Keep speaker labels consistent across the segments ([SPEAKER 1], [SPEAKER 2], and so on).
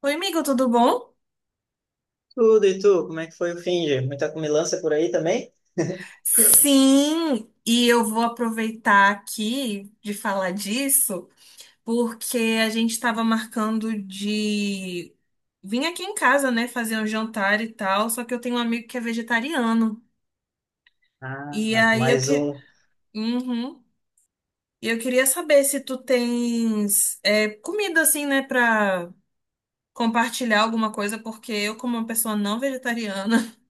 [SPEAKER 1] Oi, amigo, tudo bom?
[SPEAKER 2] Tudo e tu, como é que foi o Finger? Muita comilança por aí também?
[SPEAKER 1] Sim, e eu vou aproveitar aqui de falar disso, porque a gente estava marcando de vir aqui em casa, né, fazer um jantar e tal, só que eu tenho um amigo que é vegetariano.
[SPEAKER 2] Ah,
[SPEAKER 1] E
[SPEAKER 2] vai.
[SPEAKER 1] aí eu
[SPEAKER 2] mais
[SPEAKER 1] que...
[SPEAKER 2] um,
[SPEAKER 1] Uhum. E eu queria saber se tu tens comida assim, né, pra compartilhar alguma coisa, porque eu, como uma pessoa não vegetariana.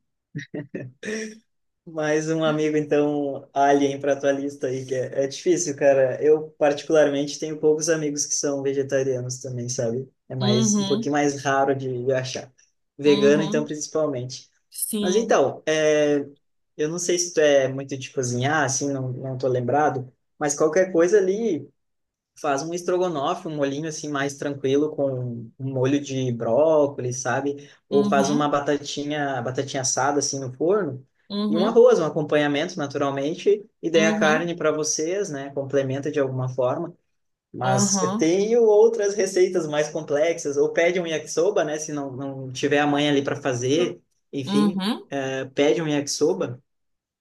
[SPEAKER 2] mais um amigo então alien para tua lista aí que é difícil, cara. Eu particularmente tenho poucos amigos que são vegetarianos também, sabe? É mais um
[SPEAKER 1] Uhum,
[SPEAKER 2] pouquinho mais raro de achar. Vegano então
[SPEAKER 1] uhum,
[SPEAKER 2] principalmente. Mas
[SPEAKER 1] sim,
[SPEAKER 2] então, eu não sei se tu é muito de cozinhar, assim, não, não tô lembrado, mas qualquer coisa ali faz um estrogonofe, um molhinho assim mais tranquilo com um molho de brócolis, sabe? Ou faz uma
[SPEAKER 1] uhum,
[SPEAKER 2] batatinha, batatinha assada assim no forno e um
[SPEAKER 1] uhum.
[SPEAKER 2] arroz, um acompanhamento naturalmente, e daí a
[SPEAKER 1] Uhum,
[SPEAKER 2] carne para vocês, né? Complementa de alguma forma. Mas eu
[SPEAKER 1] uhum,
[SPEAKER 2] tenho outras receitas mais complexas, ou pede um yakisoba, né? Se não tiver a mãe ali para fazer, enfim,
[SPEAKER 1] uhum,
[SPEAKER 2] pede um yakisoba.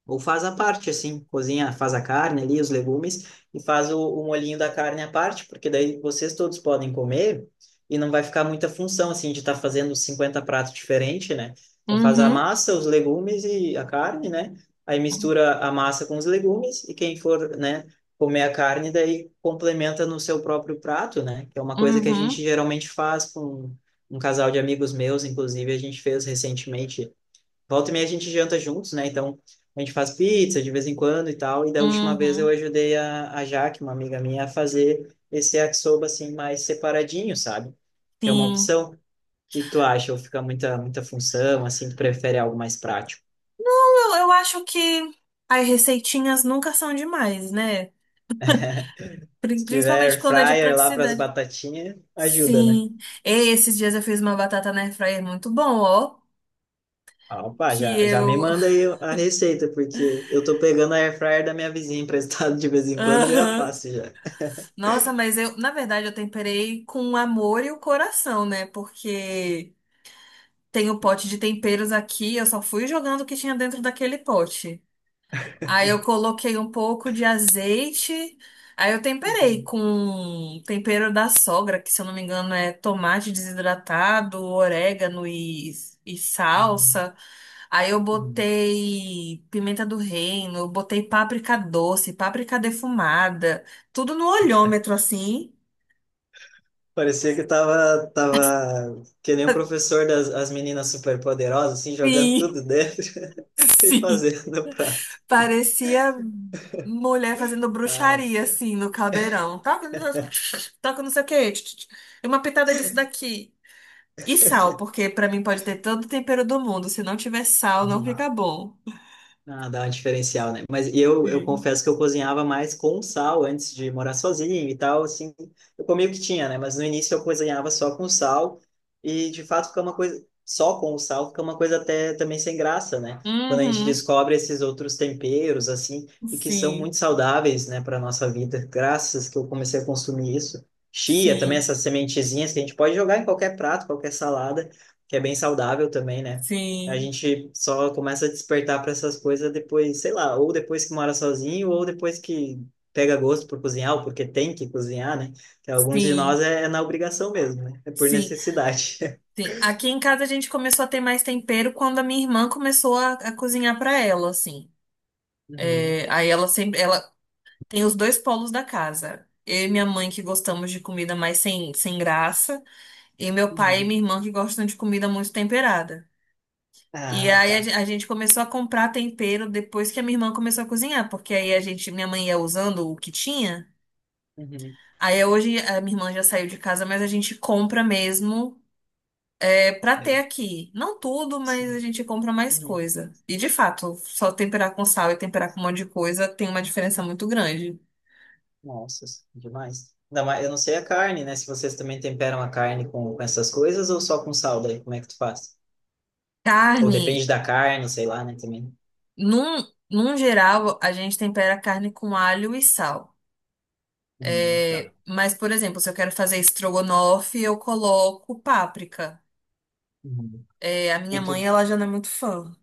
[SPEAKER 2] Ou faz à parte, assim, cozinha, faz a carne ali, os legumes, e faz o molhinho da carne à parte, porque daí vocês todos podem comer e não vai ficar muita função, assim, de estar fazendo 50 pratos diferentes, né? Então faz a
[SPEAKER 1] uhum,
[SPEAKER 2] massa, os legumes e a carne, né? Aí mistura a massa com os legumes e quem for, né, comer a carne, daí complementa no seu próprio prato, né? Que é uma coisa que a gente
[SPEAKER 1] uhum,
[SPEAKER 2] geralmente faz com um casal de amigos meus, inclusive, a gente fez recentemente. Volta e meia a gente janta juntos, né? Então a gente faz pizza de vez em quando e tal. E da última vez eu
[SPEAKER 1] uhum,
[SPEAKER 2] ajudei a Jaque, uma amiga minha, a fazer esse yakisoba assim mais separadinho, sabe? Que é uma
[SPEAKER 1] sim.
[SPEAKER 2] opção. O que tu acha? Ou fica muita, muita função, assim, tu prefere algo mais prático?
[SPEAKER 1] Eu acho que as receitinhas nunca são demais, né?
[SPEAKER 2] Se
[SPEAKER 1] Principalmente
[SPEAKER 2] tiver
[SPEAKER 1] quando é de
[SPEAKER 2] fryer lá para as
[SPEAKER 1] praticidade.
[SPEAKER 2] batatinhas, ajuda, né?
[SPEAKER 1] Sim. E esses dias eu fiz uma batata na airfryer muito bom, ó.
[SPEAKER 2] Ah, opa,
[SPEAKER 1] Que
[SPEAKER 2] já, já me
[SPEAKER 1] eu.
[SPEAKER 2] manda aí a receita, porque eu tô pegando a air fryer da minha vizinha emprestado de vez em quando, já
[SPEAKER 1] Aham.
[SPEAKER 2] faço já.
[SPEAKER 1] Nossa, mas eu, na verdade, eu temperei com o amor e o coração, né? Porque tem o pote de temperos aqui, eu só fui jogando o que tinha dentro daquele pote. Aí eu coloquei um pouco de azeite. Aí eu temperei
[SPEAKER 2] Uhum.
[SPEAKER 1] com tempero da sogra, que se eu não me engano é tomate desidratado, orégano e
[SPEAKER 2] Uhum.
[SPEAKER 1] salsa. Aí eu
[SPEAKER 2] Uhum.
[SPEAKER 1] botei pimenta do reino, eu botei páprica doce, páprica defumada, tudo no olhômetro assim.
[SPEAKER 2] Parecia que tava que nem o professor das as meninas superpoderosas, assim, jogando
[SPEAKER 1] Sim,
[SPEAKER 2] tudo dentro e
[SPEAKER 1] sim.
[SPEAKER 2] fazendo o prato.
[SPEAKER 1] Parecia mulher fazendo
[SPEAKER 2] Ah.
[SPEAKER 1] bruxaria assim no caldeirão. Toca, toca não sei o quê. E uma pitada disso daqui. E sal, porque pra mim pode ter todo o tempero do mundo. Se não tiver sal, não
[SPEAKER 2] Uhum.
[SPEAKER 1] fica bom.
[SPEAKER 2] Ah, dá um diferencial, né? Mas eu
[SPEAKER 1] Sim.
[SPEAKER 2] confesso que eu cozinhava mais com sal antes de morar sozinho e tal, assim. Eu comia o que tinha, né? Mas no início eu cozinhava só com sal e, de fato, fica uma coisa. Só com o sal fica uma coisa até também sem graça, né? Quando a gente
[SPEAKER 1] Uhum.
[SPEAKER 2] descobre esses outros temperos, assim, e que são muito
[SPEAKER 1] Sim,
[SPEAKER 2] saudáveis, né, para nossa vida. Graças que eu comecei a consumir isso. Chia também,
[SPEAKER 1] sim,
[SPEAKER 2] essas sementezinhas que a gente pode jogar em qualquer prato, qualquer salada, que é bem saudável também, né? A
[SPEAKER 1] sim,
[SPEAKER 2] gente só começa a despertar para essas coisas depois, sei lá, ou depois que mora sozinho, ou depois que pega gosto por cozinhar, ou porque tem que cozinhar, né? Que alguns de nós
[SPEAKER 1] sim,
[SPEAKER 2] é na obrigação mesmo, né? É por
[SPEAKER 1] sim,
[SPEAKER 2] necessidade.
[SPEAKER 1] sim. Aqui em casa a gente começou a ter mais tempero quando a minha irmã começou a cozinhar pra ela, assim.
[SPEAKER 2] Uhum.
[SPEAKER 1] É, aí ela sempre, ela tem os dois polos da casa. Eu e minha mãe que gostamos de comida mais sem graça, e meu pai e
[SPEAKER 2] Uhum.
[SPEAKER 1] minha irmã que gostam de comida muito temperada. E
[SPEAKER 2] Ah,
[SPEAKER 1] aí
[SPEAKER 2] tá.
[SPEAKER 1] a gente começou a comprar tempero depois que a minha irmã começou a cozinhar, porque aí a gente, minha mãe ia usando o que tinha.
[SPEAKER 2] Uhum.
[SPEAKER 1] Aí hoje a minha irmã já saiu de casa, mas a gente compra mesmo, é para
[SPEAKER 2] É,
[SPEAKER 1] ter aqui. Não tudo, mas a
[SPEAKER 2] sim.
[SPEAKER 1] gente compra mais
[SPEAKER 2] Uhum.
[SPEAKER 1] coisa. E de fato, só temperar com sal e temperar com um monte de coisa tem uma diferença muito grande.
[SPEAKER 2] Nossa, demais. Ainda mais, eu não sei a carne, né? Se vocês também temperam a carne com essas coisas ou só com sal daí, como é que tu faz? Ou
[SPEAKER 1] Carne,
[SPEAKER 2] depende da carne, sei lá, né, também.
[SPEAKER 1] num, num geral, a gente tempera a carne com alho e sal. É,
[SPEAKER 2] Tá.
[SPEAKER 1] mas, por exemplo, se eu quero fazer estrogonofe, eu coloco páprica.
[SPEAKER 2] Uhum.
[SPEAKER 1] É, a minha
[SPEAKER 2] E tu?
[SPEAKER 1] mãe, ela já não é muito fã.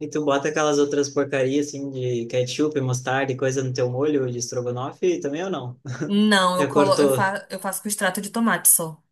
[SPEAKER 2] E tu bota aquelas outras porcarias assim de ketchup, mostarda e coisa no teu molho de estrogonofe também ou não?
[SPEAKER 1] Não, eu
[SPEAKER 2] Já
[SPEAKER 1] colo, eu
[SPEAKER 2] cortou?
[SPEAKER 1] fa, eu faço com extrato de tomate só.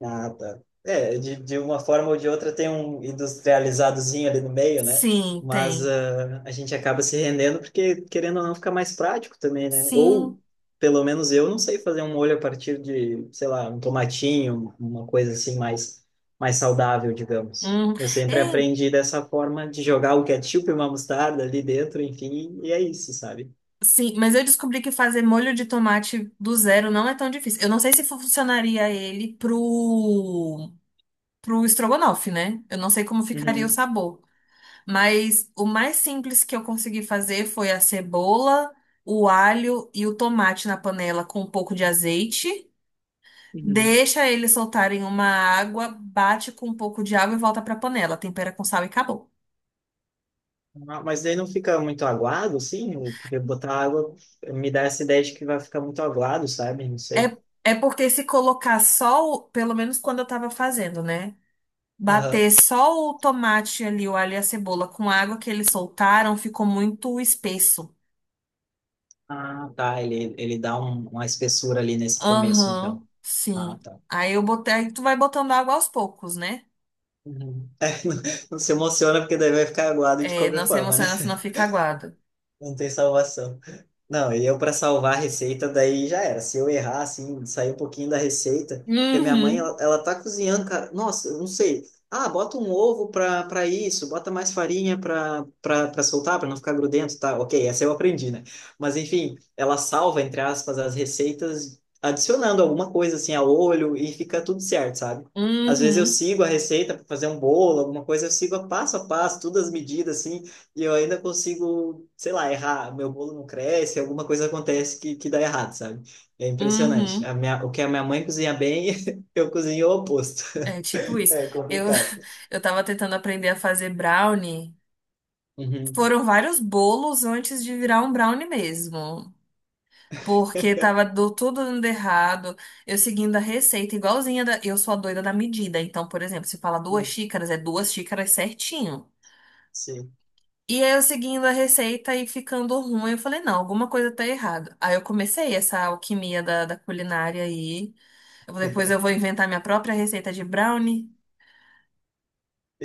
[SPEAKER 2] Ah, tá. É, de uma forma ou de outra tem um industrializadozinho ali no meio, né?
[SPEAKER 1] Sim,
[SPEAKER 2] Mas
[SPEAKER 1] tem.
[SPEAKER 2] ah, a gente acaba se rendendo porque, querendo ou não, fica mais prático também, né? Ou,
[SPEAKER 1] Sim.
[SPEAKER 2] pelo menos eu não sei fazer um molho a partir de, sei lá, um tomatinho, uma coisa assim mais saudável, digamos.
[SPEAKER 1] Hum.
[SPEAKER 2] Eu sempre
[SPEAKER 1] É,
[SPEAKER 2] aprendi dessa forma de jogar o ketchup e uma mostarda ali dentro, enfim, e é isso, sabe?
[SPEAKER 1] sim, mas eu descobri que fazer molho de tomate do zero não é tão difícil. Eu não sei se funcionaria ele pro estrogonofe, né? Eu não sei como ficaria o
[SPEAKER 2] Uhum.
[SPEAKER 1] sabor, mas o mais simples que eu consegui fazer foi a cebola, o alho e o tomate na panela com um pouco de azeite.
[SPEAKER 2] Uhum.
[SPEAKER 1] Deixa eles soltarem uma água, bate com um pouco de água e volta pra panela. Tempera com sal e acabou.
[SPEAKER 2] Ah, mas daí não fica muito aguado, assim? Porque botar água me dá essa ideia de que vai ficar muito aguado, sabe? Não
[SPEAKER 1] É,
[SPEAKER 2] sei.
[SPEAKER 1] é porque se colocar só, pelo menos quando eu tava fazendo, né?
[SPEAKER 2] Aham.
[SPEAKER 1] Bater só o tomate ali, o alho e a cebola com a água que eles soltaram, ficou muito espesso.
[SPEAKER 2] Ah, tá. Ele dá uma espessura ali nesse começo, então.
[SPEAKER 1] Aham,
[SPEAKER 2] Ah,
[SPEAKER 1] sim.
[SPEAKER 2] tá.
[SPEAKER 1] Aí eu botei, aí tu vai botando água aos poucos, né?
[SPEAKER 2] Uhum. É, não, não se emociona, porque daí vai ficar aguado de
[SPEAKER 1] É, não
[SPEAKER 2] qualquer
[SPEAKER 1] se
[SPEAKER 2] forma, né?
[SPEAKER 1] emociona, senão fica aguado.
[SPEAKER 2] Não tem salvação. Não, e eu para salvar a receita, daí já era. Se eu errar, assim, sair um pouquinho da receita, porque minha mãe,
[SPEAKER 1] Uhum,
[SPEAKER 2] ela tá cozinhando, cara. Nossa, eu não sei. Ah, bota um ovo para isso, bota mais farinha para soltar, para não ficar grudento, tá? Ok, essa eu aprendi, né? Mas enfim, ela salva, entre aspas, as receitas adicionando alguma coisa, assim, a olho e fica tudo certo, sabe? Às vezes eu
[SPEAKER 1] uhum,
[SPEAKER 2] sigo a receita para fazer um bolo, alguma coisa, eu sigo a passo, todas as medidas, assim. E eu ainda consigo, sei lá, errar. Meu bolo não cresce, alguma coisa acontece que dá errado, sabe? É impressionante.
[SPEAKER 1] uhum.
[SPEAKER 2] O que a minha mãe cozinha bem, eu cozinho o oposto.
[SPEAKER 1] É tipo isso.
[SPEAKER 2] É
[SPEAKER 1] Eu,
[SPEAKER 2] complicado.
[SPEAKER 1] eu tava tentando aprender a fazer brownie.
[SPEAKER 2] Uhum.
[SPEAKER 1] Foram vários bolos antes de virar um brownie mesmo. Porque tava tudo dando errado. Eu seguindo a receita igualzinha. Eu sou a doida da medida. Então, por exemplo, se fala 2 xícaras, é 2 xícaras certinho.
[SPEAKER 2] Sim.
[SPEAKER 1] E aí eu seguindo a receita e ficando ruim, eu falei, não, alguma coisa tá errada. Aí eu comecei essa alquimia da culinária aí. Eu falei, depois eu vou inventar minha própria receita de brownie.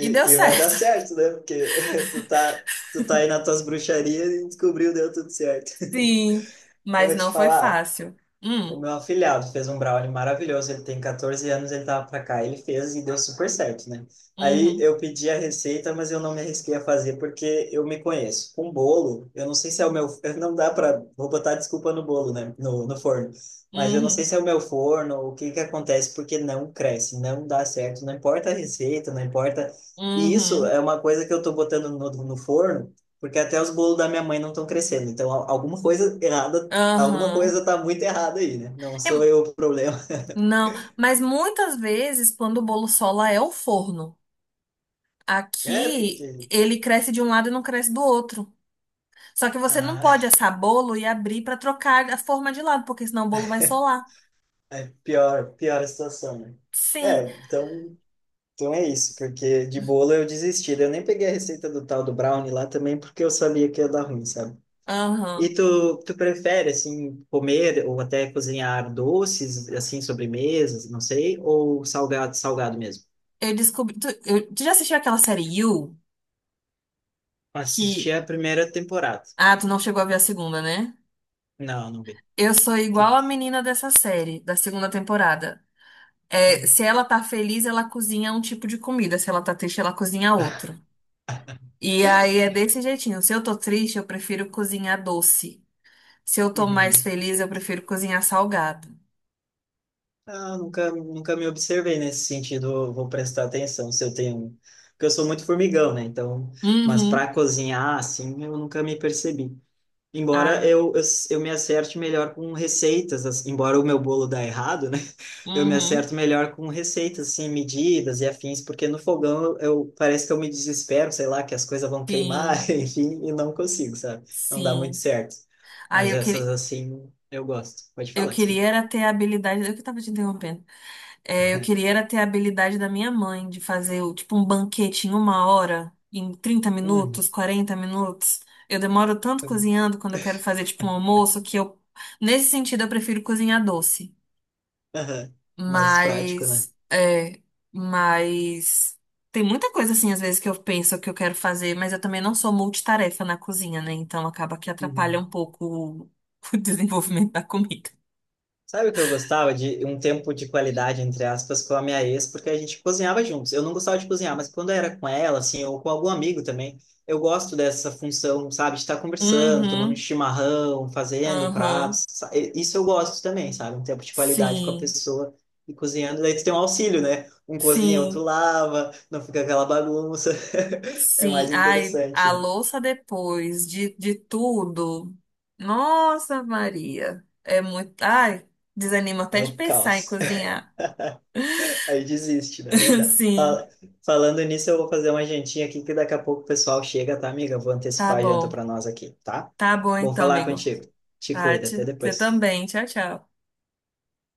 [SPEAKER 1] E deu
[SPEAKER 2] e vai dar
[SPEAKER 1] certo.
[SPEAKER 2] certo, né? Porque tu tá aí nas tuas bruxarias e descobriu, deu tudo certo.
[SPEAKER 1] Sim,
[SPEAKER 2] Eu
[SPEAKER 1] mas
[SPEAKER 2] vou te
[SPEAKER 1] não foi
[SPEAKER 2] falar.
[SPEAKER 1] fácil.
[SPEAKER 2] O meu afilhado fez um brownie maravilhoso, ele tem 14 anos, ele tava pra cá, ele fez e deu super certo, né? Aí
[SPEAKER 1] Uhum,
[SPEAKER 2] eu pedi a receita, mas eu não me arrisquei a fazer porque eu me conheço. Com bolo, eu não sei se é o meu, não dá pra, vou botar desculpa no bolo, né? No forno. Mas eu não
[SPEAKER 1] uhum,
[SPEAKER 2] sei se é o meu forno, o que que acontece, porque não cresce, não dá certo, não importa a receita, não importa. E isso
[SPEAKER 1] uhum,
[SPEAKER 2] é uma coisa que eu tô botando no forno, porque até os bolos da minha mãe não estão crescendo. Então, alguma
[SPEAKER 1] aham.
[SPEAKER 2] coisa tá muito errada aí, né? Não
[SPEAKER 1] É,
[SPEAKER 2] sou eu o problema.
[SPEAKER 1] não, mas muitas vezes quando o bolo sola é o forno.
[SPEAKER 2] É,
[SPEAKER 1] Aqui
[SPEAKER 2] porque
[SPEAKER 1] ele cresce de um lado e não cresce do outro. Só que você não pode
[SPEAKER 2] ah,
[SPEAKER 1] assar bolo e abrir para trocar a forma de lado, porque senão o bolo vai solar.
[SPEAKER 2] é pior, pior a situação, né?
[SPEAKER 1] Sim,
[SPEAKER 2] É, então é isso, porque de bolo eu desisti. Eu nem peguei a receita do tal do brownie lá também, porque eu sabia que ia dar ruim, sabe? E
[SPEAKER 1] aham.
[SPEAKER 2] tu prefere, assim, comer ou até cozinhar doces, assim, sobremesas, não sei, ou salgado, salgado mesmo?
[SPEAKER 1] Eu descobri. Tu já assistiu aquela série You?
[SPEAKER 2] Assisti
[SPEAKER 1] Que.
[SPEAKER 2] a primeira temporada.
[SPEAKER 1] Ah, tu não chegou a ver a segunda, né?
[SPEAKER 2] Não, não vi.
[SPEAKER 1] Eu sou
[SPEAKER 2] Que-
[SPEAKER 1] igual a menina dessa série, da segunda temporada.
[SPEAKER 2] ah,
[SPEAKER 1] É, se ela tá feliz, ela cozinha um tipo de comida. Se ela tá triste, ela cozinha outro. E aí é desse jeitinho. Se eu tô triste, eu prefiro cozinhar doce. Se eu tô mais
[SPEAKER 2] uhum.
[SPEAKER 1] feliz, eu prefiro cozinhar salgado.
[SPEAKER 2] Ah, nunca, nunca me observei nesse sentido. Eu vou prestar atenção se eu tenho. Porque eu sou muito formigão, né? Então, mas
[SPEAKER 1] Uhum.
[SPEAKER 2] para cozinhar, assim, eu nunca me percebi. Embora
[SPEAKER 1] Ai,
[SPEAKER 2] eu me acerte melhor com receitas, assim, embora o meu bolo dá errado, né? Eu me
[SPEAKER 1] uhum.
[SPEAKER 2] acerto melhor com receitas, assim, medidas e afins, porque no fogão parece que eu me desespero, sei lá, que as coisas vão queimar,
[SPEAKER 1] Sim,
[SPEAKER 2] enfim, e não consigo, sabe? Não dá muito
[SPEAKER 1] sim.
[SPEAKER 2] certo.
[SPEAKER 1] Ai,
[SPEAKER 2] Mas
[SPEAKER 1] eu
[SPEAKER 2] essas,
[SPEAKER 1] queria,
[SPEAKER 2] assim, eu gosto. Pode
[SPEAKER 1] eu
[SPEAKER 2] falar,
[SPEAKER 1] queria
[SPEAKER 2] desculpa.
[SPEAKER 1] era ter a habilidade. Eu que tava te interrompendo. É, eu queria era ter a habilidade da minha mãe de fazer tipo um banquete em 1 hora, em trinta
[SPEAKER 2] Uhum.
[SPEAKER 1] minutos, 40 minutos. Eu demoro tanto cozinhando quando eu quero fazer tipo um almoço que eu, nesse sentido, eu prefiro cozinhar doce.
[SPEAKER 2] Aham. Mais prático, né?
[SPEAKER 1] Mas, é, mas tem muita coisa assim às vezes que eu penso que eu quero fazer, mas eu também não sou multitarefa na cozinha, né? Então acaba que atrapalha
[SPEAKER 2] Uhum.
[SPEAKER 1] um pouco o o desenvolvimento da comida.
[SPEAKER 2] Sabe o que eu gostava de um tempo de qualidade, entre aspas, com a minha ex, porque a gente cozinhava juntos. Eu não gostava de cozinhar, mas quando era com ela, assim, ou com algum amigo também, eu gosto dessa função, sabe, de estar conversando, tomando um
[SPEAKER 1] Uhum,
[SPEAKER 2] chimarrão, fazendo
[SPEAKER 1] uhum,
[SPEAKER 2] pratos. Isso eu gosto também, sabe? Um tempo de qualidade com a
[SPEAKER 1] sim.
[SPEAKER 2] pessoa e cozinhando. Daí tu tem um auxílio, né? Um cozinha, outro
[SPEAKER 1] Sim,
[SPEAKER 2] lava, não fica aquela bagunça. É
[SPEAKER 1] sim,
[SPEAKER 2] mais
[SPEAKER 1] ai,
[SPEAKER 2] interessante,
[SPEAKER 1] a
[SPEAKER 2] né?
[SPEAKER 1] louça depois de tudo. Nossa, Maria. É muito. Ai, desanima até
[SPEAKER 2] É
[SPEAKER 1] de
[SPEAKER 2] o
[SPEAKER 1] pensar em
[SPEAKER 2] caos.
[SPEAKER 1] cozinhar.
[SPEAKER 2] Aí desiste, né? Não dá.
[SPEAKER 1] Sim,
[SPEAKER 2] Fala- Falando nisso, eu vou fazer uma jantinha aqui que daqui a pouco o pessoal chega, tá, amiga? Vou
[SPEAKER 1] tá
[SPEAKER 2] antecipar a janta
[SPEAKER 1] bom.
[SPEAKER 2] para nós aqui, tá?
[SPEAKER 1] Tá bom
[SPEAKER 2] Bom
[SPEAKER 1] então,
[SPEAKER 2] falar
[SPEAKER 1] amigo.
[SPEAKER 2] contigo. Te cuida, até
[SPEAKER 1] Tati, você
[SPEAKER 2] depois.
[SPEAKER 1] também. Tchau, tchau.